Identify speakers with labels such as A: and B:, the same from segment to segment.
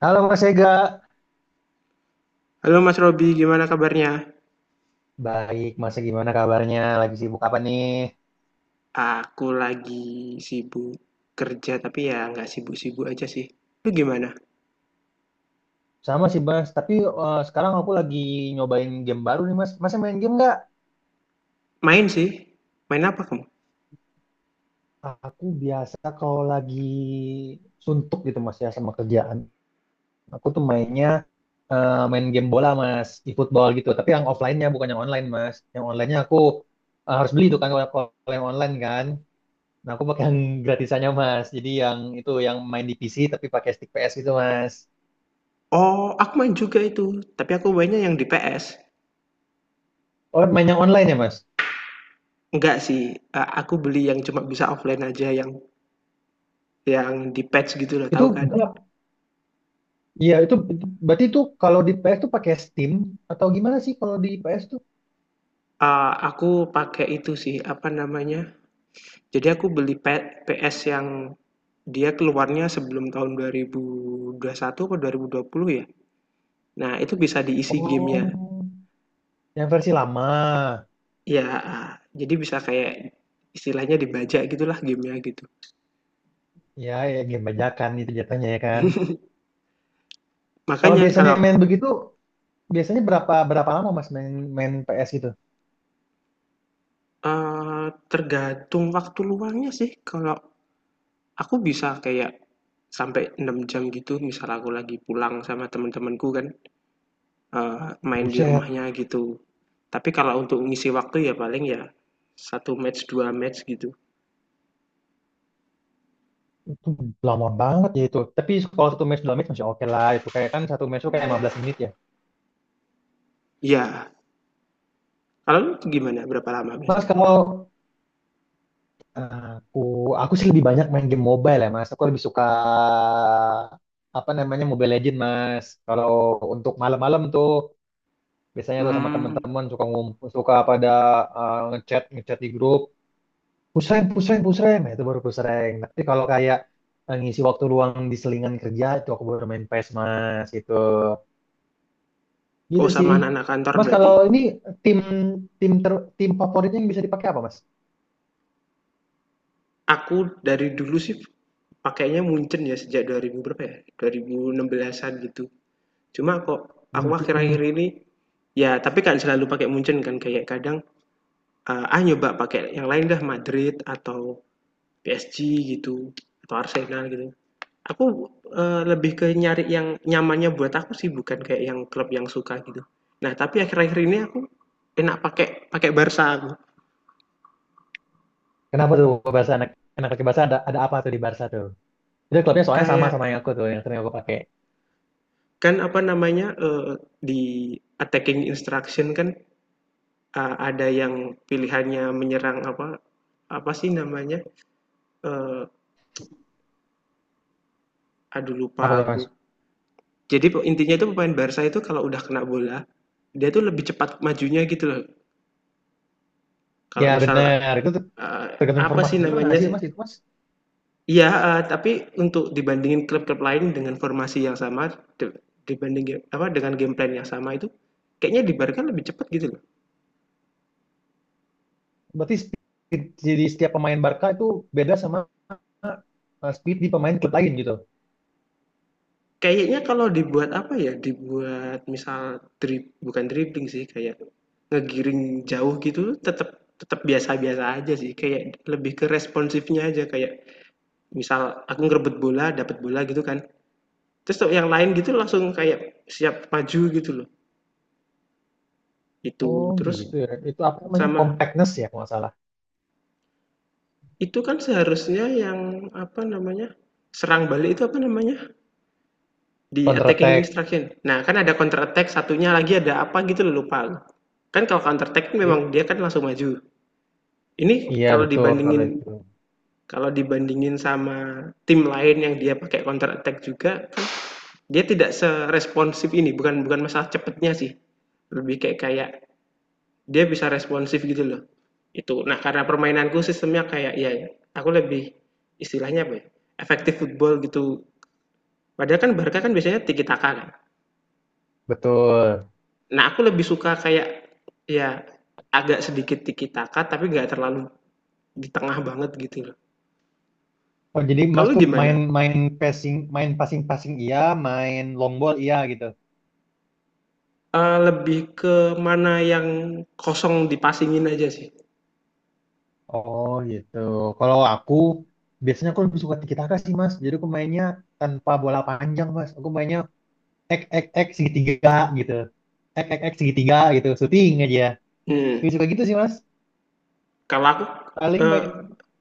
A: Halo Mas Ega,
B: Halo Mas Robi, gimana kabarnya?
A: baik Mas gimana kabarnya? Lagi sibuk apa nih?
B: Aku lagi sibuk kerja, tapi ya nggak sibuk-sibuk aja sih. Lu gimana?
A: Sama sih Mas, tapi sekarang aku lagi nyobain game baru nih Mas. Mas main game nggak?
B: Main sih. Main apa kamu?
A: Aku biasa kalau lagi suntuk gitu Mas ya sama kerjaan. Aku tuh main game bola Mas, e-football gitu. Tapi yang offline-nya bukan yang online Mas. Yang online-nya aku harus beli itu kan kalau kalau yang online kan. Nah aku pakai yang gratisannya Mas. Jadi yang itu yang main di PC tapi pakai stick PS gitu Mas.
B: Oh, aku main juga itu. Tapi aku mainnya yang di PS.
A: Oh main yang online ya Mas?
B: Nggak sih, aku beli yang cuma bisa offline aja, yang di patch gitu loh,
A: Itu
B: tahu kan?
A: berapa? Iya, itu berarti itu kalau di PS tuh pakai Steam atau gimana sih kalau di PS tuh?
B: Aku pakai itu sih, apa namanya? Jadi aku beli PS yang dia keluarnya sebelum tahun 2021 atau 2020 ya. Nah, itu bisa diisi gamenya.
A: Oh, yang versi lama.
B: Ya, jadi bisa kayak istilahnya dibajak gitulah game-nya gitu.
A: Ya, ya, game bajakan itu jatuhnya ya kan. Kalau
B: Makanya
A: biasanya
B: kalau,
A: main begitu, biasanya berapa berapa lama Mas main main PS gitu?
B: tergantung waktu luangnya sih. Kalau aku bisa kayak sampai 6 jam gitu misal aku lagi pulang sama temen-temenku kan, main di
A: Buset,
B: rumahnya gitu. Tapi kalau untuk ngisi waktu ya paling ya satu match, 2 match gitu.
A: itu lama banget ya itu. Tapi kalau satu match dua match masih oke lah. Itu kayak kan satu match tuh kayak 15 menit ya.
B: Ya, kalau lu gimana berapa lama
A: Mas
B: biasanya?
A: kalau Aku aku sih lebih banyak main game mobile ya Mas. Aku lebih suka apa namanya Mobile Legend Mas. Kalau untuk malam-malam tuh biasanya tuh sama
B: Hmm.
A: teman-teman suka ngumpul, suka pada ngechat ngechat di grup. Pusreng, pusreng, pusreng. Nah, itu baru pusreng. Tapi kalau kayak ngisi waktu luang di selingan kerja itu aku baru main PES Mas gitu.
B: Oh,
A: Gitu
B: sama
A: sih.
B: anak-anak kantor
A: Mas
B: berarti?
A: kalau ini tim tim ter, tim favoritnya yang bisa dipakai apa Mas?
B: Aku dari dulu sih pakainya Munchen ya sejak 2000 berapa ya? 2016-an gitu. Cuma kok aku
A: Mungkin
B: akhir-akhir ini ya tapi kan selalu pakai Munchen kan kayak kadang nyoba pakai yang lain dah Madrid atau PSG gitu atau Arsenal gitu. Aku lebih ke nyari yang nyamannya buat aku sih bukan kayak yang klub yang suka gitu. Nah, tapi akhir-akhir ini aku enak pakai pakai Barca aku.
A: Kenapa tuh gua Barca anak anak laki Barca ada apa tuh di Barca tuh? Itu klubnya soalnya sama sama
B: Kayak
A: yang aku tuh yang sering aku pakai.
B: kan apa namanya di attacking instruction kan. Ah, ada yang pilihannya menyerang apa apa sih namanya? Eee, Aduh lupa
A: Apa tuh
B: aku.
A: Mas?
B: Jadi intinya itu pemain Barca itu kalau udah kena bola, dia tuh lebih cepat majunya gitu loh. Kalau
A: Ya
B: misal,
A: benar, itu tuh
B: eee,
A: tergantung
B: apa
A: formasi
B: sih
A: juga nggak
B: namanya
A: sih
B: sih?
A: Mas itu Mas?
B: Iya, heeh, tapi untuk dibandingin klub-klub lain dengan formasi yang sama, dibanding apa, dengan game plan yang sama itu, kayaknya di Barca lebih cepat gitu.
A: Berarti speed jadi setiap pemain Barca itu beda sama speed di pemain klub lain gitu.
B: Kayaknya kalau dibuat apa ya, dibuat misal bukan dribbling sih, kayak ngegiring jauh gitu tetap tetap biasa-biasa aja sih, kayak lebih ke responsifnya aja, kayak misal aku ngerebut bola, dapat bola gitu kan, terus yang lain gitu langsung kayak siap maju gitu loh,
A: Oh
B: itu. Terus
A: gitu ya. Itu apa namanya?
B: sama
A: Compactness ya kalau nggak salah.
B: itu kan seharusnya yang apa namanya, serang balik itu apa namanya, di
A: Counter
B: attacking
A: attack.
B: instruction. Nah, kan ada counter attack, satunya lagi ada apa gitu loh, lupa. Kan kalau counter attack memang
A: Jadi-
B: dia kan langsung maju. Ini
A: Iya
B: kalau
A: betul kalau
B: dibandingin
A: itu.
B: kalau dibandingin sama tim lain yang dia pakai counter attack juga, kan dia tidak seresponsif ini, bukan bukan masalah cepetnya sih. Lebih kayak kayak dia bisa responsif gitu loh. Itu. Nah, karena permainanku sistemnya kayak ya aku lebih istilahnya apa ya? Efektif football gitu. Padahal kan Barca kan biasanya tiki taka kan.
A: Betul.
B: Nah, aku lebih suka kayak ya agak sedikit tiki taka tapi nggak terlalu di tengah banget gitu loh.
A: Oh, jadi Mas
B: Kalau
A: tuh main
B: gimana?
A: main passing passing iya, main long ball iya gitu.
B: Lebih ke mana yang kosong dipasingin aja sih.
A: Oh gitu. Kalau aku biasanya aku lebih suka tiki taka sih mas. Jadi aku mainnya tanpa bola panjang mas. Aku mainnya ek ek ek segitiga gitu. Ek ek ek segitiga gitu. Shooting aja.
B: Mhm.
A: Lebih suka gitu sih mas.
B: kalau aku,
A: Paling
B: eee,
A: main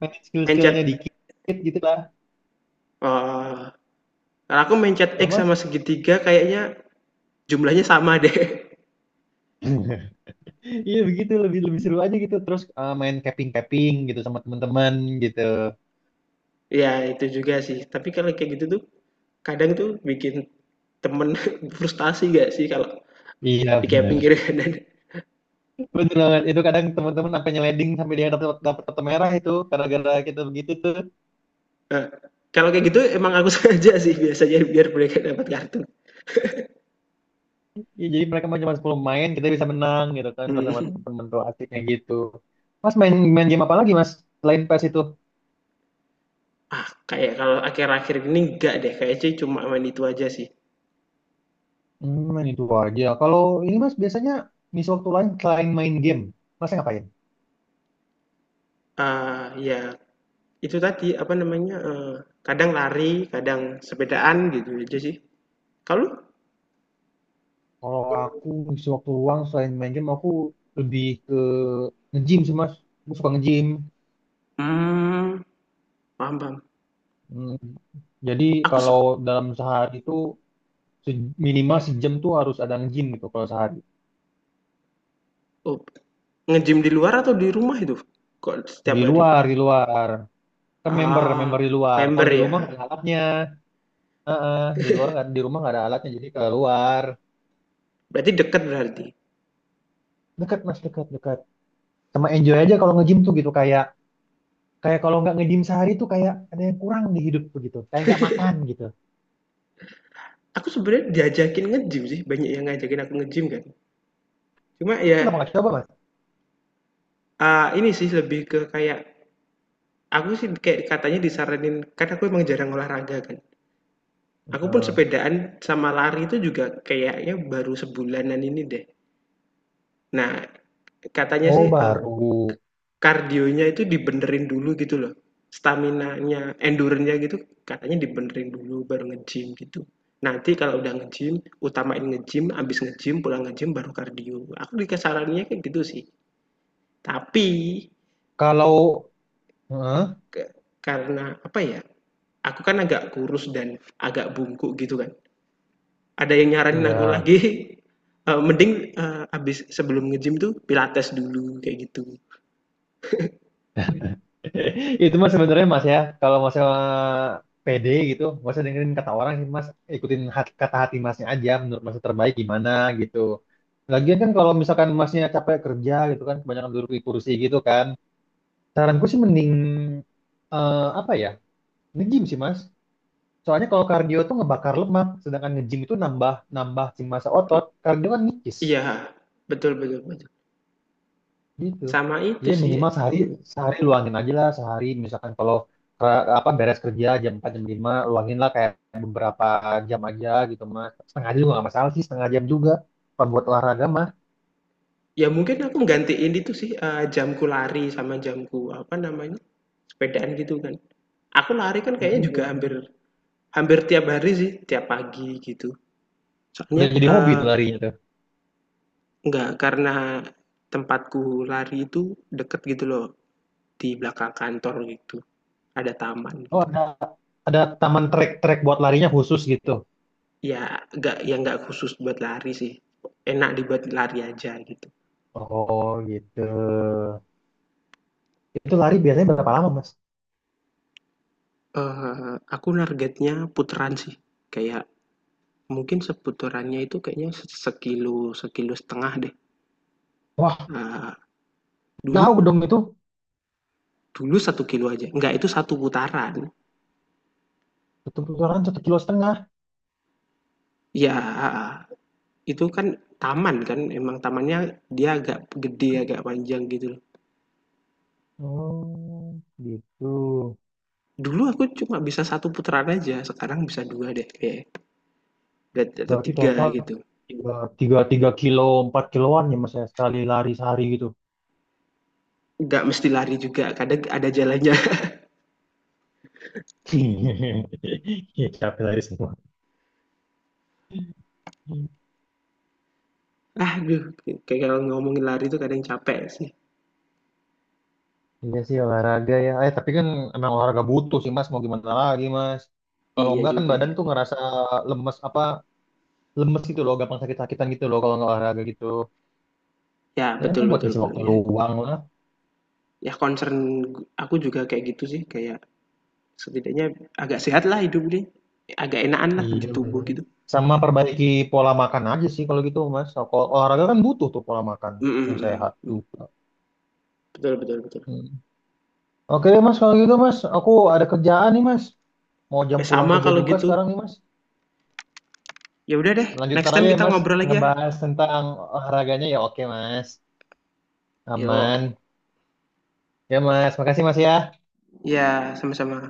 A: main
B: mencet
A: skill-skillnya dikit gitu lah.
B: eee, Kalau aku mencet
A: Kalau
B: X
A: mas.
B: sama segitiga kayaknya jumlahnya sama deh.
A: Iya begitu lebih lebih seru aja gitu terus main capping capping gitu sama teman-teman gitu.
B: Ya itu juga sih, tapi kalau kayak gitu tuh kadang tuh bikin temen frustasi nggak sih kalau
A: Iya
B: di kayak
A: benar,
B: pinggir kanan?
A: benar banget itu kadang teman-teman sampai nyeleding sampai dia dapat dapat kartu merah itu gara-gara kita begitu tuh.
B: Heeh, kalau kayak gitu emang aku sengaja sih biasanya biar mereka dapat kartu.
A: Iya, jadi mereka mah cuma 10 main, kita bisa menang gitu kan kalau sama
B: Mhm.
A: temen-temen tuh asiknya gitu. Mas main main game apa lagi Mas selain PES itu?
B: Kayak kalau akhir-akhir ini enggak deh, kayaknya cuma main itu aja sih.
A: Hmm, main itu aja. Kalau ini Mas biasanya ngisi waktu lain selain main game, Mas ngapain?
B: Ah ya. Itu tadi, apa namanya, kadang lari, kadang sepedaan, gitu aja sih. Kalau lu?
A: Kalau aku ngisi waktu luang selain main game, aku lebih ke nge-gym sih Mas. Aku suka nge-gym.
B: Mmm. Paham paham.
A: Hmm, jadi
B: Aku sep
A: kalau dalam sehari itu minimal sejam tuh harus ada nge-gym gitu kalau sehari.
B: Oh, nge-gym di luar atau di rumah itu? Kok setiap
A: Di
B: hari?
A: luar, di luar. Ke member,
B: Ah,
A: member di luar. Kalau
B: member
A: di
B: ya,
A: rumah nggak ada alatnya. Heeh, di luar nggak di rumah nggak ada alatnya jadi keluar.
B: berarti deket berarti.
A: Dekat mas, dekat, dekat, sama enjoy aja kalau nge-gym tuh gitu kayak kayak kalau nggak nge-gym sehari tuh kayak ada yang kurang di hidup tuh gitu kayak nggak makan gitu.
B: Aku sebenarnya diajakin nge-gym sih, banyak yang ngajakin aku nge-gym kan. Cuma ya,
A: Kenapa nggak coba mas?
B: ini sih lebih ke kayak aku sih kayak katanya disaranin kan aku emang jarang olahraga kan. Aku pun
A: Heeh.
B: sepedaan sama lari itu juga kayaknya baru sebulanan ini deh. Nah, katanya
A: Oh
B: sih,
A: baru.
B: kardionya itu dibenerin dulu gitu loh, staminanya, endure-nya gitu katanya dibenerin dulu baru nge-gym gitu. Nanti kalau udah nge-gym, utamain nge-gym, habis nge-gym, pulang nge-gym, baru kardio. Aku dikasarannya kayak gitu sih. Tapi
A: Kalau. Heeh,
B: ke karena apa ya, aku kan agak kurus dan agak bungkuk gitu kan. Ada yang nyaranin aku
A: ya.
B: lagi, mending, habis sebelum nge-gym tuh pilates dulu kayak gitu.
A: Itu mas sebenarnya mas ya kalau mas PD gitu mas dengerin kata orang sih mas ikutin kata hati masnya aja menurut mas terbaik gimana gitu. Lagian kan kalau misalkan masnya capek kerja gitu kan kebanyakan duduk di kursi gitu kan. Saranku sih mending apa ya? Nge-gym sih, Mas. Soalnya kalau kardio tuh ngebakar lemak, sedangkan nge-gym itu nambah nambah si massa otot. Kardio kan nipis
B: Iya, betul betul betul.
A: gitu.
B: Sama itu
A: Ya
B: sih,
A: minimal sehari sehari luangin aja lah sehari misalkan kalau apa beres kerja jam 4 jam 5, luangin lah kayak beberapa jam aja gitu Mas. Setengah jam juga nggak masalah sih, setengah jam juga. Kalau buat olahraga mah.
B: ya mungkin aku nggantiin itu sih, jamku lari sama jamku, apa namanya, sepedaan gitu kan. Aku lari kan kayaknya juga hampir
A: Iya.
B: hampir tiap hari sih, tiap pagi gitu. Soalnya,
A: Udah jadi hobi tuh larinya tuh.
B: nggak karena tempatku lari itu deket gitu loh, di belakang kantor gitu, ada taman
A: Oh,
B: gitu.
A: ada taman trek-trek buat larinya khusus gitu.
B: Ya nggak khusus buat lari sih, enak dibuat lari aja gitu.
A: Oh, gitu. Itu lari biasanya berapa lama, Mas?
B: Aku targetnya putaran sih, kayak mungkin seputarannya itu kayaknya sekilo, sekilo setengah deh,
A: Wah,
B: eee,
A: jauh
B: dulu
A: dong itu.
B: dulu 1 kilo aja, enggak itu satu putaran.
A: Satu putaran 1,5 kilo.
B: Ya, itu kan taman kan, emang tamannya dia agak gede, agak panjang gitu loh.
A: Oh, gitu.
B: Dulu aku cuma bisa satu putaran aja, sekarang bisa 2 deh kayaknya, atau
A: Berarti
B: 3
A: total
B: gitu.
A: tiga, tiga kilo, 4 kiloan ya Mas ya, sekali lari sehari gitu.
B: Nggak mesti lari juga, kadang ada jalannya.
A: Iya, capek lari semua.
B: Aduh, kayak kalau ngomongin lari itu kadang capek sih.
A: Iya sih olahraga ya. Eh tapi kan emang olahraga butuh sih Mas. Mau gimana lagi Mas? Kalau
B: Iya
A: enggak kan
B: juga
A: badan
B: ya.
A: tuh ngerasa lemes apa lemes gitu loh, gampang sakit-sakitan gitu loh kalau nggak olahraga gitu.
B: Ya,
A: Ya
B: betul
A: buat
B: betul
A: ngisi
B: betul,
A: waktu
B: ya
A: luang lah.
B: ya concern aku juga kayak gitu sih, kayak setidaknya agak sehat lah hidup deh, agak enakanlah di
A: Iya
B: tubuh
A: benar.
B: gitu.
A: Sama perbaiki pola makan aja sih kalau gitu Mas. Kalau olahraga kan butuh tuh pola makan
B: Mhm
A: yang
B: mhm
A: sehat
B: mhm.
A: juga.
B: Betul betul betul.
A: Hmm. Oke deh Mas kalau gitu Mas, aku ada kerjaan nih Mas. Mau jam
B: Eh,
A: pulang
B: sama
A: kerja
B: kalau
A: juga
B: gitu.
A: sekarang nih Mas.
B: Ya udah deh,
A: Lanjut
B: next
A: ntar aja
B: time
A: ya
B: kita
A: Mas
B: ngobrol lagi ya.
A: ngebahas tentang olahraganya ya oke Mas. Aman.
B: Yok.
A: Ya Mas, makasih Mas ya.
B: Ya, sama-sama.